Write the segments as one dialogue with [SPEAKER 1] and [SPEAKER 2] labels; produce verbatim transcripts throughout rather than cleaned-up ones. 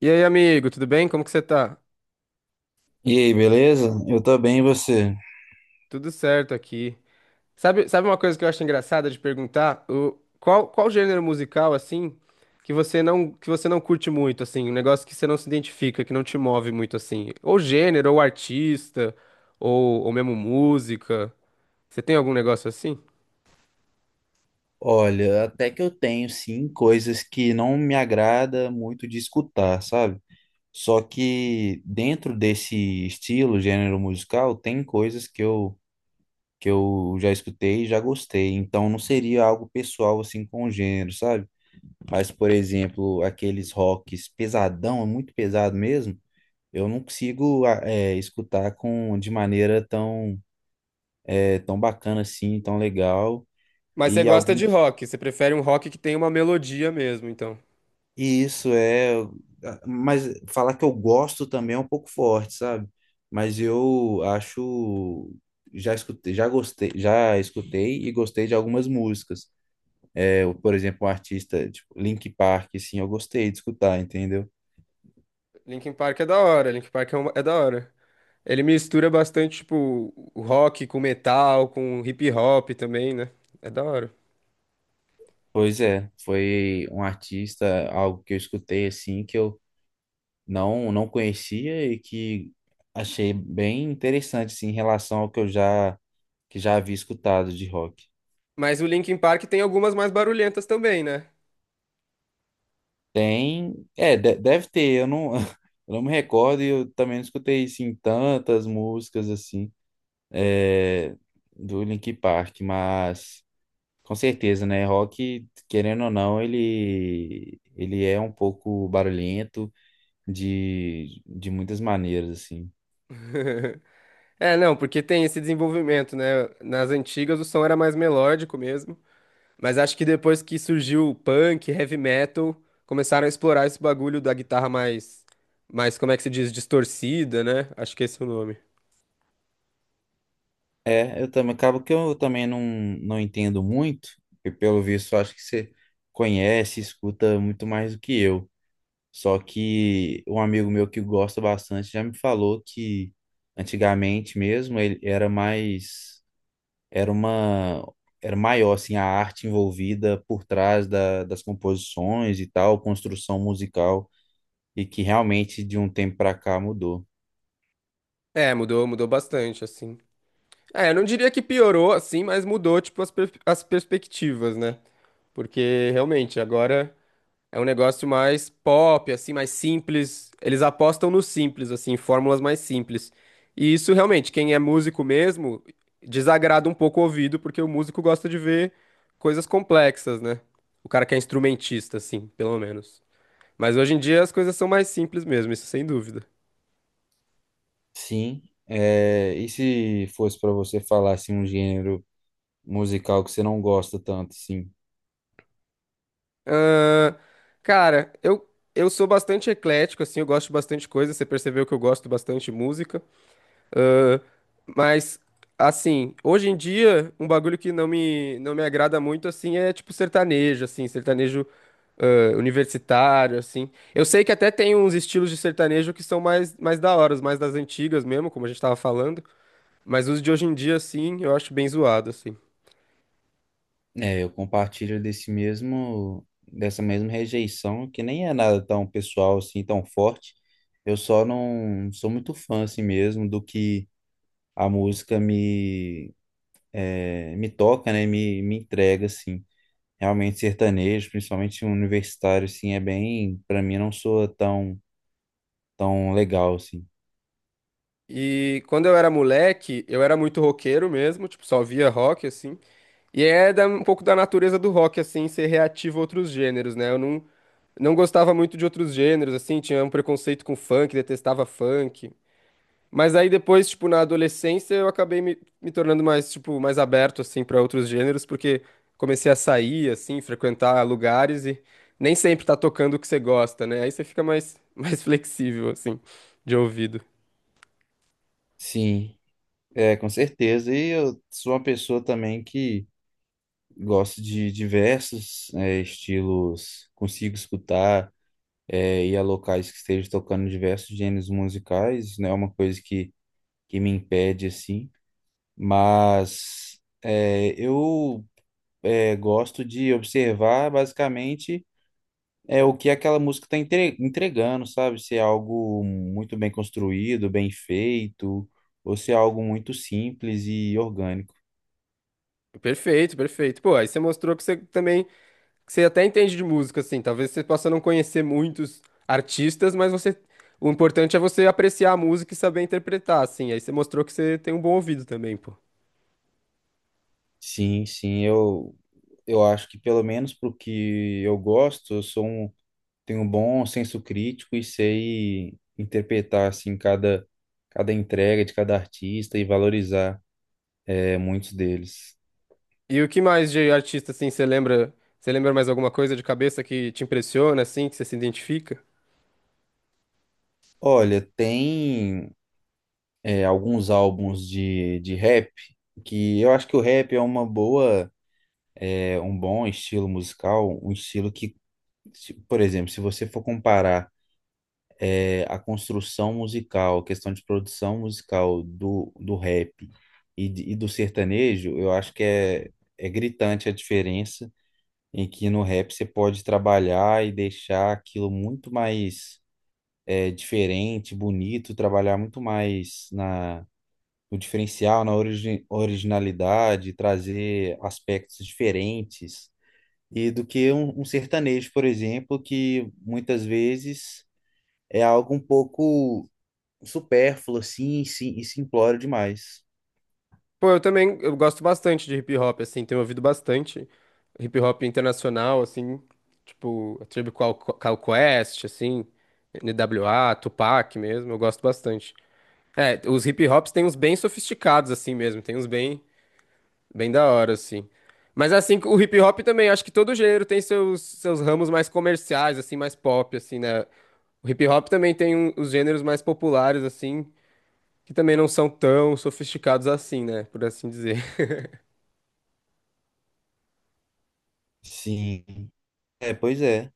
[SPEAKER 1] E aí, amigo, tudo bem? Como que você tá?
[SPEAKER 2] E aí, beleza? Eu tô bem, e você?
[SPEAKER 1] Tudo certo aqui. Sabe, sabe uma coisa que eu acho engraçada de perguntar? O, qual, qual gênero musical, assim, que você não, que você não curte muito, assim, um negócio que você não se identifica, que não te move muito, assim? Ou gênero, ou artista, ou, ou mesmo música. Você tem algum negócio assim?
[SPEAKER 2] Olha, até que eu tenho sim coisas que não me agrada muito de escutar, sabe? Só que dentro desse estilo, gênero musical, tem coisas que eu que eu já escutei e já gostei. Então não seria algo pessoal assim com o gênero, sabe? Mas por exemplo, aqueles rocks pesadão, é muito pesado mesmo. Eu não consigo a- é, escutar com de maneira tão é, tão bacana assim, tão legal.
[SPEAKER 1] Mas você
[SPEAKER 2] E
[SPEAKER 1] gosta de
[SPEAKER 2] alguns
[SPEAKER 1] rock, você prefere um rock que tem uma melodia mesmo, então.
[SPEAKER 2] E Isso é, ah, mas falar que eu gosto também é um pouco forte, sabe? Mas eu acho, já escutei, já gostei, já escutei e gostei de algumas músicas. É, eu, por exemplo, um artista tipo Linkin Park, assim, eu gostei de escutar, entendeu?
[SPEAKER 1] Linkin Park é da hora, Linkin Park é, uma- é da hora. Ele mistura bastante, tipo, o rock com metal, com hip hop também, né? É da hora.
[SPEAKER 2] Pois é, foi um artista, algo que eu escutei assim que eu não não conhecia e que achei bem interessante assim, em relação ao que eu já que já havia escutado de rock.
[SPEAKER 1] Mas o Linkin Park tem algumas mais barulhentas também, né?
[SPEAKER 2] Tem, é, de- deve ter, eu não, eu não me recordo e eu também não escutei, assim, tantas músicas, assim, é, do Linkin Park, mas com certeza, né, rock, querendo ou não, ele, ele é um pouco barulhento de, de muitas maneiras, assim.
[SPEAKER 1] É, não, porque tem esse desenvolvimento, né? Nas antigas o som era mais melódico mesmo, mas acho que depois que surgiu o punk, heavy metal, começaram a explorar esse bagulho da guitarra mais, mais, como é que se diz, distorcida, né? Acho que esse é o nome.
[SPEAKER 2] É, eu também, acaba que eu também não, não entendo muito, e pelo visto acho que você conhece, escuta muito mais do que eu. Só que um amigo meu que gosta bastante já me falou que antigamente mesmo ele era mais, era uma, era maior assim a arte envolvida por trás da, das composições e tal, construção musical e que realmente de um tempo para cá mudou.
[SPEAKER 1] É, mudou, mudou bastante, assim. É, eu não diria que piorou, assim, mas mudou, tipo, as, per- as perspectivas, né? Porque realmente agora é um negócio mais pop, assim, mais simples. Eles apostam no simples, assim, fórmulas mais simples. E isso realmente, quem é músico mesmo, desagrada um pouco o ouvido, porque o músico gosta de ver coisas complexas, né? O cara que é instrumentista, assim, pelo menos. Mas hoje em dia as coisas são mais simples mesmo, isso sem dúvida.
[SPEAKER 2] Sim. É, e se fosse para você falar assim um gênero musical que você não gosta tanto? Assim?
[SPEAKER 1] Ahn, cara, eu, eu sou bastante eclético, assim, eu gosto de bastante coisa. Você percebeu que eu gosto bastante de música. Ahn, mas, assim, hoje em dia, um bagulho que não me, não me agrada muito, assim, é tipo sertanejo, assim, sertanejo ah, universitário, assim. Eu sei que até tem uns estilos de sertanejo que são mais, mais da hora, os mais das antigas mesmo, como a gente tava falando, mas os de hoje em dia, assim, eu acho bem zoado, assim.
[SPEAKER 2] É, eu compartilho desse mesmo, dessa mesma rejeição, que nem é nada tão pessoal assim, tão forte. Eu só não sou muito fã assim mesmo do que a música me, é, me toca, né? Me, me entrega assim. Realmente sertanejo, principalmente universitário assim, é bem, para mim não soa tão tão legal assim.
[SPEAKER 1] E quando eu era moleque, eu era muito roqueiro mesmo, tipo, só via rock, assim. E é da- um pouco da natureza do rock, assim, ser reativo a outros gêneros, né? Eu não, Não gostava muito de outros gêneros, assim, tinha um preconceito com funk, detestava funk. Mas aí depois, tipo, na adolescência, eu acabei me, me tornando mais, tipo, mais aberto, assim, para outros gêneros, porque comecei a sair, assim, frequentar lugares e nem sempre tá tocando o que você gosta, né? Aí você fica mais, mais flexível, assim, de ouvido.
[SPEAKER 2] Sim, é, com certeza. E eu sou uma pessoa também que gosto de diversos, é, estilos, consigo escutar é, ir a locais que estejam tocando diversos gêneros musicais, não é uma coisa que, que me impede, assim, mas é, eu é, gosto de observar basicamente é, o que aquela música está entregando, sabe? Se é algo muito bem construído, bem feito, ou se é algo muito simples e orgânico.
[SPEAKER 1] Perfeito, perfeito. Pô, aí você mostrou que você também que você até entende de música, assim. Talvez você possa não conhecer muitos artistas, mas você. O importante é você apreciar a música e saber interpretar, assim. Aí você mostrou que você tem um bom ouvido também, pô.
[SPEAKER 2] Sim, sim, eu, eu acho que pelo menos pro que eu gosto, eu sou um tenho um bom senso crítico e sei interpretar assim cada cada entrega de cada artista e valorizar é, muitos deles.
[SPEAKER 1] E o que mais de artista, assim, você lembra? Você lembra mais alguma coisa de cabeça que te impressiona, assim, que você se identifica?
[SPEAKER 2] Olha, tem é, alguns álbuns de, de rap que eu acho que o rap é uma boa, é, um bom estilo musical, um estilo que, se- por exemplo, se você for comparar é, a construção musical, a questão de produção musical do, do rap e, de- e do sertanejo, eu acho que é, é gritante a diferença em que no rap você pode trabalhar e deixar aquilo muito mais é, diferente, bonito, trabalhar muito mais na, no diferencial, na origi originalidade, trazer aspectos diferentes, e do que um, um sertanejo, por exemplo, que muitas vezes é algo um pouco supérfluo, assim, e sim- e simplório demais.
[SPEAKER 1] Pô, eu também eu gosto bastante de hip hop, assim, tenho ouvido bastante hip hop internacional, assim, tipo, a Tribe Called Called Quest, assim, N W A, Tupac mesmo, eu gosto bastante. É, os hip hops tem uns bem sofisticados assim mesmo, tem uns bem, bem da hora assim. Mas assim, o hip hop também, acho que todo gênero tem seus, seus ramos mais comerciais assim, mais pop assim, né? O hip hop também tem um- os gêneros mais populares assim, que também não são tão sofisticados assim, né, por assim dizer.
[SPEAKER 2] Sim, é, pois é.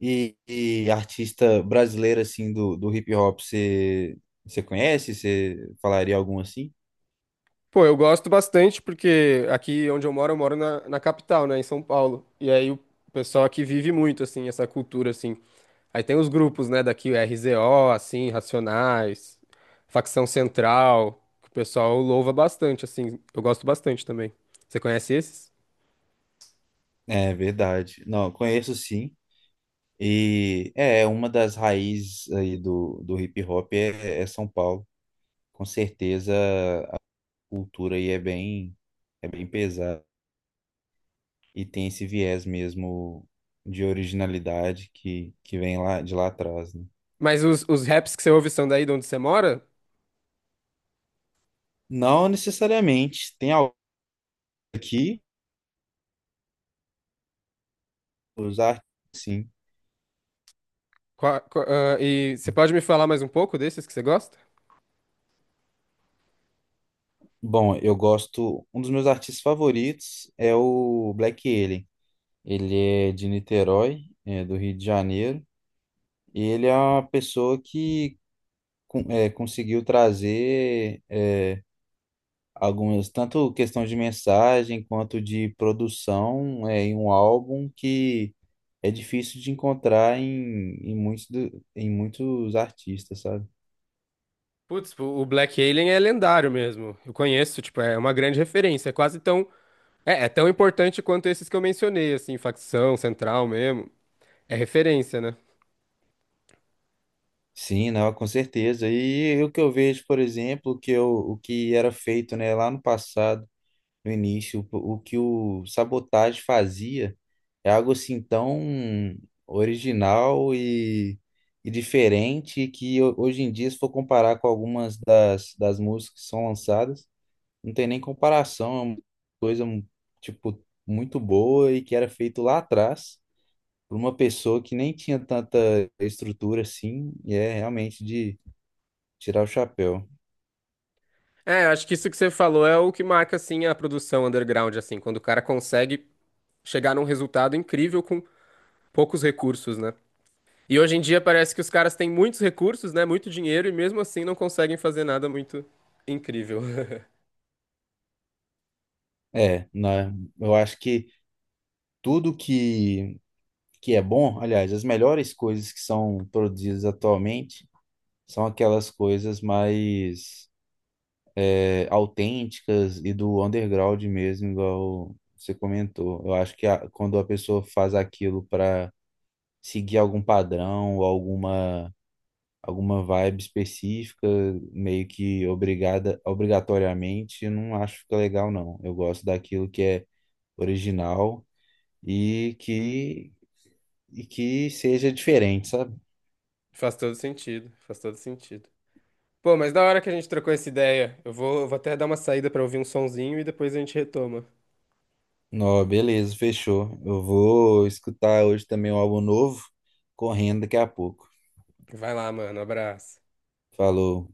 [SPEAKER 2] E, e artista brasileira assim, do, do hip hop, você você conhece? Você falaria algum assim?
[SPEAKER 1] Pô, eu gosto bastante porque aqui onde eu moro, eu moro na, na capital, né, em São Paulo. E aí o pessoal aqui vive muito, assim, essa cultura, assim. Aí tem os grupos, né, daqui, o R Z O, assim, Racionais, Facção Central, que o pessoal louva bastante, assim. Eu gosto bastante também. Você conhece esses?
[SPEAKER 2] É verdade. Não, conheço sim. E é é uma das raízes aí do, do hip hop é, é São Paulo. Com certeza a cultura aí é bem, é bem pesada. E tem esse viés mesmo de originalidade que, que vem lá de lá atrás, né?
[SPEAKER 1] Mas os, os raps que você ouve são daí de onde você mora?
[SPEAKER 2] Não necessariamente. Tem algo aqui, os artistas.
[SPEAKER 1] Qua- qua- ah, e você pode me falar mais um pouco desses que você gosta?
[SPEAKER 2] Bom, eu gosto. Um dos meus artistas favoritos é o Black Alien. Ele é de Niterói, é do Rio de Janeiro, e ele é uma pessoa que con- é, conseguiu trazer é, algumas, tanto questão de mensagem quanto de produção é, em um álbum que é difícil de encontrar em, em, muitos, do- em muitos artistas, sabe?
[SPEAKER 1] Putz, o o Black Alien é lendário mesmo. Eu conheço, tipo, é uma grande referência. É quase tão É, é tão importante quanto esses que eu mencionei, assim, facção, central mesmo. É referência, né?
[SPEAKER 2] Sim, não, com certeza. E o que eu vejo, por exemplo, que eu, o que era feito, né, lá no passado no início. O, o que o Sabotage fazia é algo assim tão original e, e diferente que ho- hoje em dia, se for comparar com algumas das, das músicas que são lançadas, não tem nem comparação. É uma coisa hum, tipo muito boa e que era feito lá atrás por uma pessoa que nem tinha tanta estrutura assim, e é realmente de tirar o chapéu.
[SPEAKER 1] É, eu acho que isso que você falou é o que marca, assim, a produção underground, assim, quando o cara consegue chegar num resultado incrível com poucos recursos, né? E hoje em dia parece que os caras têm muitos recursos, né? Muito dinheiro e mesmo assim não conseguem fazer nada muito incrível.
[SPEAKER 2] É, né? Eu acho que tudo que que é bom, aliás, as melhores coisas que são produzidas atualmente são aquelas coisas mais é, autênticas e do underground mesmo, igual você comentou. Eu acho que a- quando a pessoa faz aquilo para seguir algum padrão ou alguma alguma vibe específica, meio que obrigada, obrigatoriamente, eu não acho que fica legal, não. Eu gosto daquilo que é original e que, e que seja diferente, sabe?
[SPEAKER 1] Faz todo sentido, faz todo sentido. Pô, mas da hora que a gente trocou essa ideia, eu vou, eu vou até dar uma saída pra ouvir um sonzinho e depois a gente retoma.
[SPEAKER 2] Ó, beleza, fechou. Eu vou escutar hoje também um álbum novo, correndo daqui a pouco.
[SPEAKER 1] Vai lá, mano, abraço.
[SPEAKER 2] Falou.